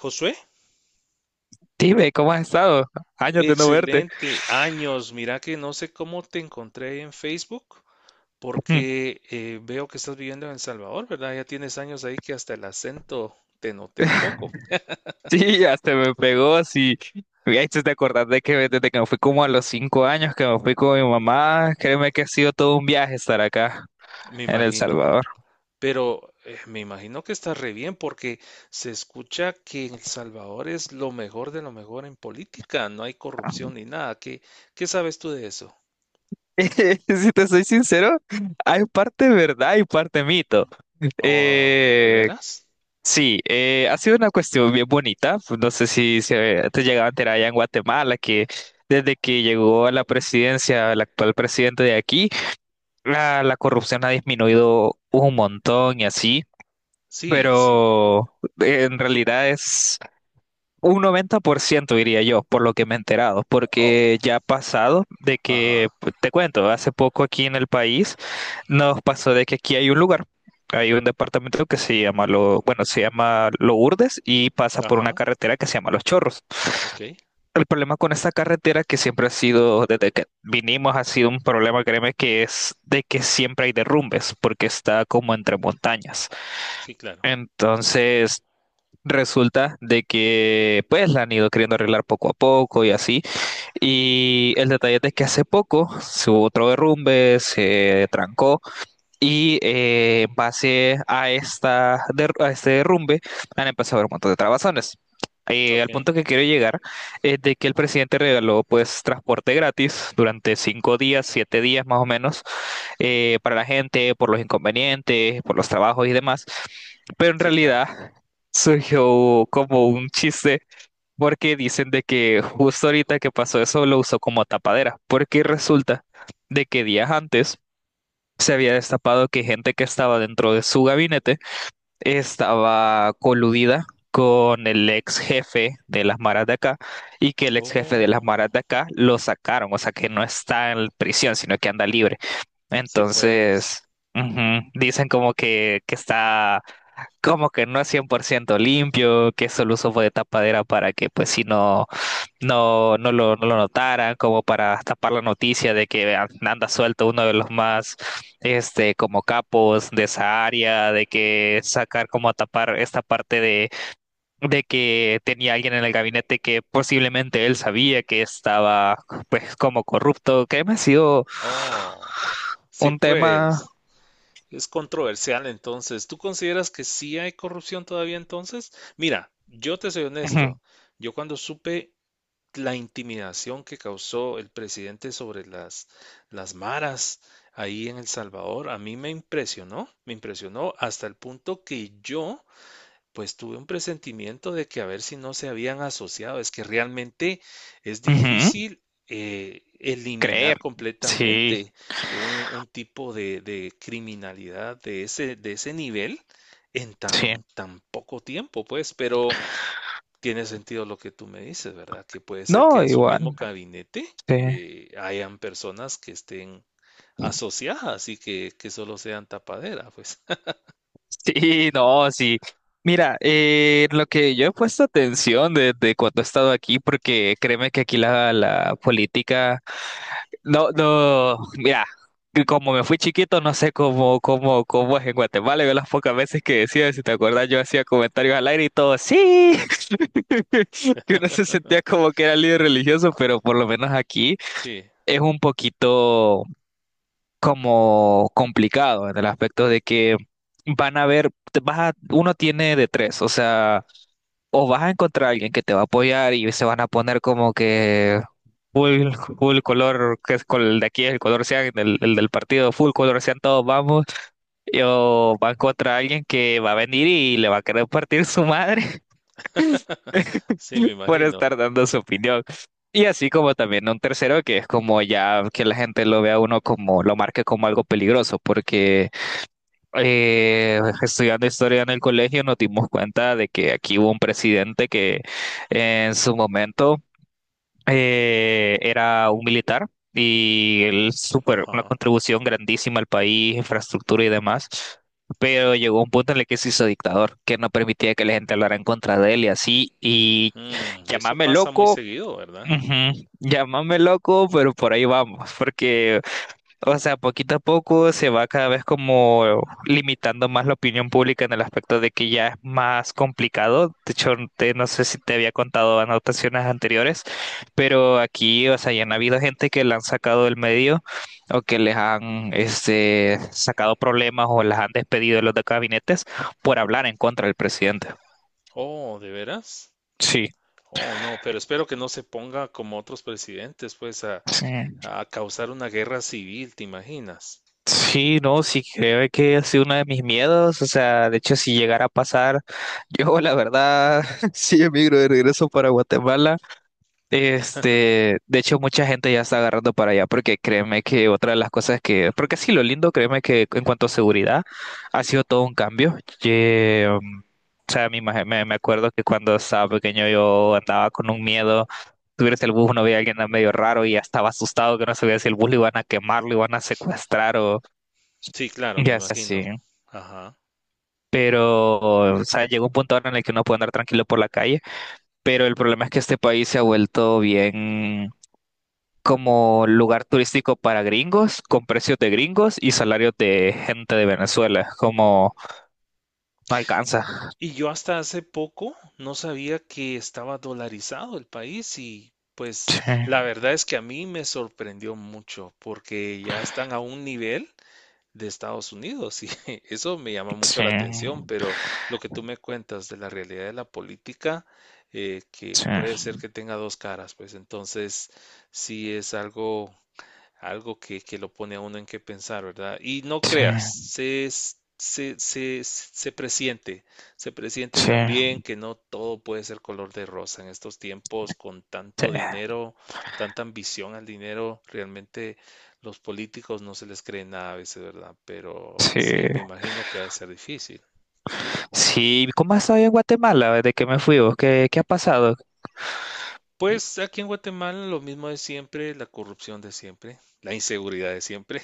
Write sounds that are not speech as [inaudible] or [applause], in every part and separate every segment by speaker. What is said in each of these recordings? Speaker 1: Josué,
Speaker 2: Dime, ¿cómo has estado? Años de no verte.
Speaker 1: excelente. Años, mira que no sé cómo te encontré en Facebook,
Speaker 2: [laughs]
Speaker 1: porque veo que estás viviendo en El Salvador, ¿verdad? Ya tienes años ahí que hasta el acento te noté un poco,
Speaker 2: Sí, hasta me pegó, sí. Me hiciste de acordar de que desde que me fui como a los 5 años, que me fui con mi mamá, créeme que ha sido todo un viaje estar acá,
Speaker 1: me
Speaker 2: en El
Speaker 1: imagino.
Speaker 2: Salvador.
Speaker 1: Pero me imagino que estás re bien, porque se escucha que en El Salvador es lo mejor de lo mejor en política, no hay corrupción ni nada. ¿Qué sabes tú de eso?
Speaker 2: [laughs] Si te soy sincero, hay parte verdad y parte mito.
Speaker 1: Oh, ¿de
Speaker 2: Eh,
Speaker 1: veras?
Speaker 2: sí, ha sido una cuestión bien bonita. No sé si te llegaba a enterar allá en Guatemala que desde que llegó a la presidencia, el actual presidente de aquí, la corrupción ha disminuido un montón y así,
Speaker 1: Sí, sí.
Speaker 2: pero en realidad es un 90% diría yo, por lo que me he enterado,
Speaker 1: Oh,
Speaker 2: porque ya ha pasado de que,
Speaker 1: ajá,
Speaker 2: pues, te cuento, hace poco aquí en el país nos pasó de que aquí hay un lugar. Hay un departamento que se llama bueno, se llama Lourdes y pasa por una
Speaker 1: ajá,
Speaker 2: carretera que se llama Los Chorros.
Speaker 1: ok,
Speaker 2: El problema con esta carretera que siempre ha sido, desde que vinimos, ha sido un problema, créeme, que es de que siempre hay derrumbes, porque está como entre montañas.
Speaker 1: sí, claro,
Speaker 2: Entonces, resulta de que, pues, la han ido queriendo arreglar poco a poco y así. Y el detalle es de que hace poco se hubo otro derrumbe, se trancó. Y en base a este derrumbe han empezado a haber un montón de trabazones.
Speaker 1: ok.
Speaker 2: Al punto que quiero llegar es de que el presidente regaló pues transporte gratis durante 5 días, 7 días más o menos, para la gente, por los inconvenientes, por los trabajos y demás. Pero en
Speaker 1: Sí, claro.
Speaker 2: realidad surgió como un chiste porque dicen de que justo ahorita que pasó eso lo usó como tapadera, porque resulta de que días antes se había destapado que gente que estaba dentro de su gabinete estaba coludida con el ex jefe de las maras de acá y que el ex jefe de las
Speaker 1: Oh,
Speaker 2: maras de acá lo sacaron, o sea que no está en prisión, sino que anda libre.
Speaker 1: sí, pues.
Speaker 2: Entonces, ujú, dicen como que está como que no es 100% limpio, que solo usó fue de tapadera para que pues si no, no lo notaran, como para tapar la noticia de que anda suelto uno de los más, como capos de esa área, de que sacar como a tapar esta parte de que tenía alguien en el gabinete que posiblemente él sabía que estaba, pues, como corrupto, que me ha sido
Speaker 1: Oh, sí,
Speaker 2: un tema,
Speaker 1: pues. Es controversial entonces. ¿Tú consideras que sí hay corrupción todavía entonces? Mira, yo te soy
Speaker 2: ujú,
Speaker 1: honesto. Yo cuando supe la intimidación que causó el presidente sobre las maras ahí en El Salvador, a mí me impresionó hasta el punto que yo pues tuve un presentimiento de que a ver si no se habían asociado. Es que realmente es
Speaker 2: ujú,
Speaker 1: difícil,
Speaker 2: creer,
Speaker 1: eliminar
Speaker 2: sí,
Speaker 1: completamente un tipo de criminalidad de ese nivel en
Speaker 2: sí,
Speaker 1: tan, tan poco tiempo, pues. Pero tiene sentido lo que tú me dices, ¿verdad? Que puede ser que
Speaker 2: no,
Speaker 1: en su mismo
Speaker 2: igual,
Speaker 1: gabinete
Speaker 2: sí.
Speaker 1: hayan personas que estén asociadas y que solo sean tapadera, pues. [laughs]
Speaker 2: Sí, no, sí. Mira, lo que yo he puesto atención desde cuando he estado aquí, porque créeme que aquí la política, no, no, mira, que como me fui chiquito, no sé cómo es en Guatemala. Yo las pocas veces que decía, si te acuerdas, yo hacía comentarios al aire y todo, sí, [laughs] que uno se sentía como que era líder religioso, pero por lo menos aquí
Speaker 1: Sí,
Speaker 2: es un poquito como complicado en el aspecto de que van a ver, uno tiene de tres, o sea, o vas a encontrar a alguien que te va a apoyar y se van a poner como que full, full color, que es el de aquí es el color sean, el del partido, full color sean todos, vamos, y o va a encontrar a alguien que va a venir y le va a querer partir su madre. [laughs]
Speaker 1: sí,
Speaker 2: [laughs]
Speaker 1: me
Speaker 2: por
Speaker 1: imagino.
Speaker 2: estar dando su opinión. Y así como también un tercero que es como ya que la gente lo vea a uno como, lo marque como algo peligroso, porque estudiando historia en el colegio nos dimos cuenta de que aquí hubo un presidente que en su momento era un militar y él súper, una
Speaker 1: Ajá.
Speaker 2: contribución grandísima al país, infraestructura y demás, pero llegó un punto en el que se hizo dictador, que no permitía que la gente hablara en contra de él y así, y
Speaker 1: Mm, eso
Speaker 2: llámame
Speaker 1: pasa muy
Speaker 2: loco,
Speaker 1: seguido, ¿verdad?
Speaker 2: ujú, llámame loco, pero por ahí vamos, porque o sea, poquito a poco se va cada vez como limitando más la opinión pública en el aspecto de que ya es más complicado. De hecho, no sé si te había contado anotaciones anteriores, pero aquí, o sea, ya han habido gente que la han sacado del medio o que les han sacado problemas o las han despedido de los de gabinetes por hablar en contra del presidente.
Speaker 1: Oh, ¿de veras?
Speaker 2: Sí.
Speaker 1: Oh, no, pero espero que no se ponga como otros presidentes, pues,
Speaker 2: Sí.
Speaker 1: a causar una guerra civil, ¿te imaginas?
Speaker 2: Sí, no, sí, creo que ha sido uno de mis miedos. O sea, de hecho, si llegara a pasar, [laughs] yo la verdad, [laughs] sí emigro de regreso para Guatemala. Este, de hecho, mucha gente ya está agarrando para allá, porque créeme que otra de las cosas que, porque sí, lo lindo, créeme que en cuanto a seguridad, ha sido todo un cambio. Que, o sea, me, imag- me me acuerdo que cuando estaba pequeño yo andaba con un miedo subirse al bus, uno veía a alguien medio raro y ya estaba asustado que no sabía si el bus lo iban a quemar, lo iban a secuestrar o,
Speaker 1: Sí, claro, me
Speaker 2: ya sé, sí.
Speaker 1: imagino. Ajá.
Speaker 2: Pero, o sea, llega un punto ahora en el que uno puede andar tranquilo por la calle, pero el problema es que este país se ha vuelto bien como lugar turístico para gringos, con precios de gringos y salarios de gente de Venezuela. Como no alcanza.
Speaker 1: Y yo hasta hace poco no sabía que estaba dolarizado el país y pues
Speaker 2: Sí,
Speaker 1: la verdad es que a mí me sorprendió mucho porque ya están a un nivel de Estados Unidos y [laughs] eso me llama mucho
Speaker 2: sí,
Speaker 1: la atención, pero lo que tú me cuentas de la realidad de la política, que
Speaker 2: sí,
Speaker 1: puede ser que tenga dos caras, pues entonces sí es algo, algo que lo pone a uno en qué pensar, ¿verdad? Y no creas,
Speaker 2: sí,
Speaker 1: se presiente, se presiente
Speaker 2: sí,
Speaker 1: también que no todo puede ser color de rosa en estos tiempos con
Speaker 2: sí,
Speaker 1: tanto dinero, tanta ambición al dinero, realmente los políticos no se les cree nada a veces, ¿verdad? Pero
Speaker 2: sí.
Speaker 1: sí, me imagino que ha de ser difícil.
Speaker 2: Sí, ¿cómo has estado en Guatemala desde que me fui vos? ¿Qué ha pasado?
Speaker 1: Pues aquí en Guatemala lo mismo de siempre, la corrupción de siempre, la inseguridad de siempre.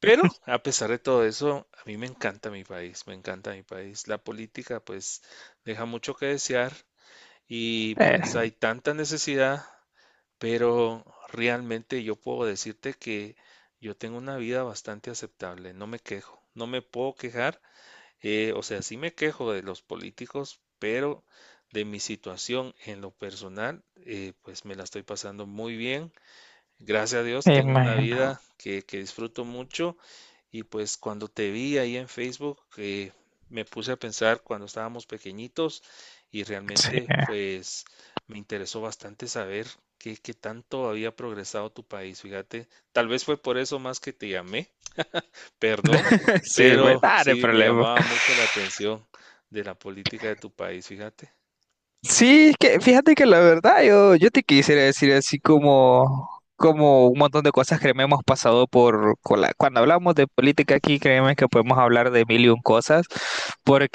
Speaker 1: Pero a pesar de todo eso, a mí me encanta mi país, me encanta mi país. La política pues deja mucho que desear y pues
Speaker 2: Eh,
Speaker 1: hay tanta necesidad, pero realmente yo puedo decirte que yo tengo una vida bastante aceptable, no me quejo, no me puedo quejar, o sea, sí me quejo de los políticos, pero de mi situación en lo personal, pues me la estoy pasando muy bien. Gracias a Dios,
Speaker 2: Me
Speaker 1: tengo una vida
Speaker 2: imagino.
Speaker 1: que disfruto mucho y pues cuando te vi ahí en Facebook, me puse a pensar cuando estábamos pequeñitos y
Speaker 2: Sí,
Speaker 1: realmente pues me interesó bastante saber qué tanto había progresado tu país, fíjate, tal vez fue por eso más que te llamé, [laughs] perdón,
Speaker 2: [laughs] sí, pues,
Speaker 1: pero
Speaker 2: nada de
Speaker 1: sí me
Speaker 2: problema.
Speaker 1: llamaba mucho la atención de la política de tu país, fíjate,
Speaker 2: Sí, es que fíjate que la verdad yo te quisiera decir así como un montón de cosas que me hemos pasado por con cuando hablamos de política aquí, créeme que podemos hablar de mil y un cosas,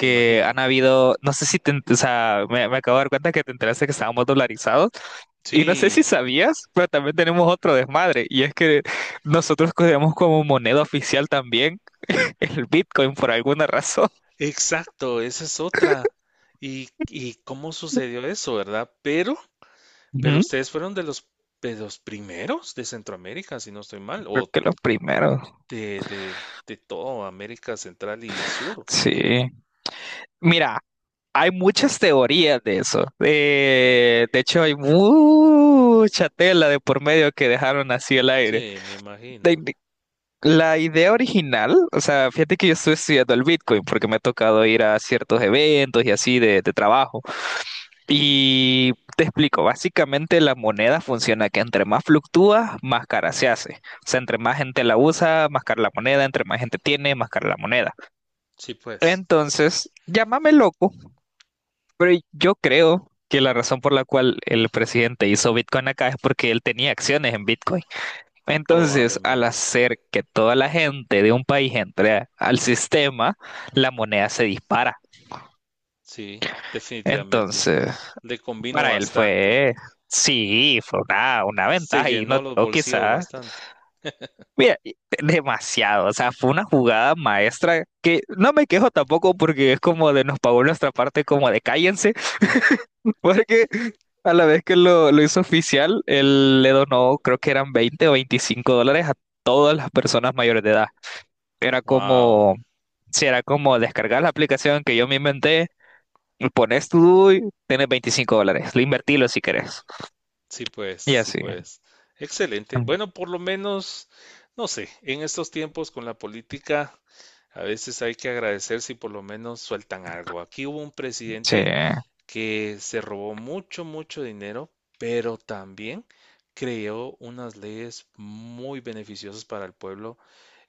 Speaker 1: me imagino.
Speaker 2: han habido, no sé si o sea, me acabo de dar cuenta que te enteraste que estábamos dolarizados. Y no sé si
Speaker 1: Sí.
Speaker 2: sabías, pero también tenemos otro desmadre, y es que nosotros cogemos como moneda oficial también el Bitcoin por alguna razón.
Speaker 1: Exacto, esa es otra. Y cómo sucedió eso, verdad? Pero
Speaker 2: Ujú.
Speaker 1: ustedes fueron de los primeros de Centroamérica, si no estoy mal,
Speaker 2: Creo
Speaker 1: o
Speaker 2: que los primeros.
Speaker 1: de, de, de todo América Central y Sur.
Speaker 2: Sí. Mira, hay muchas teorías de eso. De hecho, hay mucha tela de por medio que dejaron así el aire.
Speaker 1: Sí, me
Speaker 2: De-
Speaker 1: imagino.
Speaker 2: de- la idea original, o sea, fíjate que yo estoy estudiando el Bitcoin porque me ha tocado ir a ciertos eventos y así de trabajo. Y te explico, básicamente la moneda funciona que entre más fluctúa, más cara se hace. O sea, entre más gente la usa, más cara la moneda, entre más gente tiene, más cara la moneda.
Speaker 1: Sí, pues,
Speaker 2: Entonces, llámame loco. Pero yo creo que la razón por la cual el presidente hizo Bitcoin acá es porque él tenía acciones en Bitcoin. Entonces, al
Speaker 1: probablemente.
Speaker 2: hacer que toda la gente de un país entre al sistema, la moneda se dispara.
Speaker 1: Sí, definitivamente.
Speaker 2: Entonces,
Speaker 1: Le combinó
Speaker 2: para él
Speaker 1: bastante.
Speaker 2: fue, sí, fue una
Speaker 1: Se
Speaker 2: ventaja y no
Speaker 1: llenó los
Speaker 2: o
Speaker 1: bolsillos
Speaker 2: quizás,
Speaker 1: bastante.
Speaker 2: mira, demasiado. O sea, fue una jugada maestra que no me quejo tampoco porque es como de nos pagó nuestra parte como de cállense. Porque a la vez que lo hizo oficial, él le donó, creo que eran 20 o $25 a todas las personas mayores de edad. Era
Speaker 1: Wow.
Speaker 2: como, si era como descargar la aplicación que yo me inventé, y pones tu DUI, tienes $25, lo invertilo si querés.
Speaker 1: Sí, pues,
Speaker 2: Y
Speaker 1: sí,
Speaker 2: así.
Speaker 1: pues. Excelente. Bueno, por lo menos, no sé, en estos tiempos con la política, a veces hay que agradecer si por lo menos sueltan algo. Aquí hubo un
Speaker 2: Sí,
Speaker 1: presidente
Speaker 2: [laughs]
Speaker 1: que se robó mucho, mucho dinero, pero también creó unas leyes muy beneficiosas para el pueblo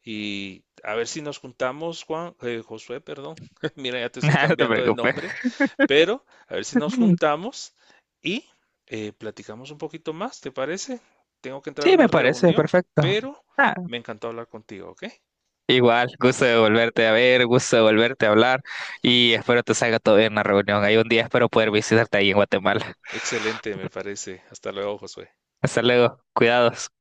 Speaker 1: y a ver si nos juntamos, Juan, Josué, perdón. [laughs] Mira, ya te estoy
Speaker 2: no te
Speaker 1: cambiando de
Speaker 2: preocupes.
Speaker 1: nombre, pero a ver si nos juntamos y platicamos un poquito más, ¿te parece? Tengo que entrar a
Speaker 2: Sí,
Speaker 1: una
Speaker 2: me parece
Speaker 1: reunión,
Speaker 2: perfecto.
Speaker 1: pero
Speaker 2: Ah,
Speaker 1: me encantó hablar contigo, ¿ok?
Speaker 2: igual, gusto de volverte a ver, gusto de volverte a hablar y espero te salga todo bien en la reunión. Hay un día espero poder visitarte ahí en Guatemala.
Speaker 1: Excelente, me parece. Hasta luego, Josué.
Speaker 2: Hasta luego. Cuidados.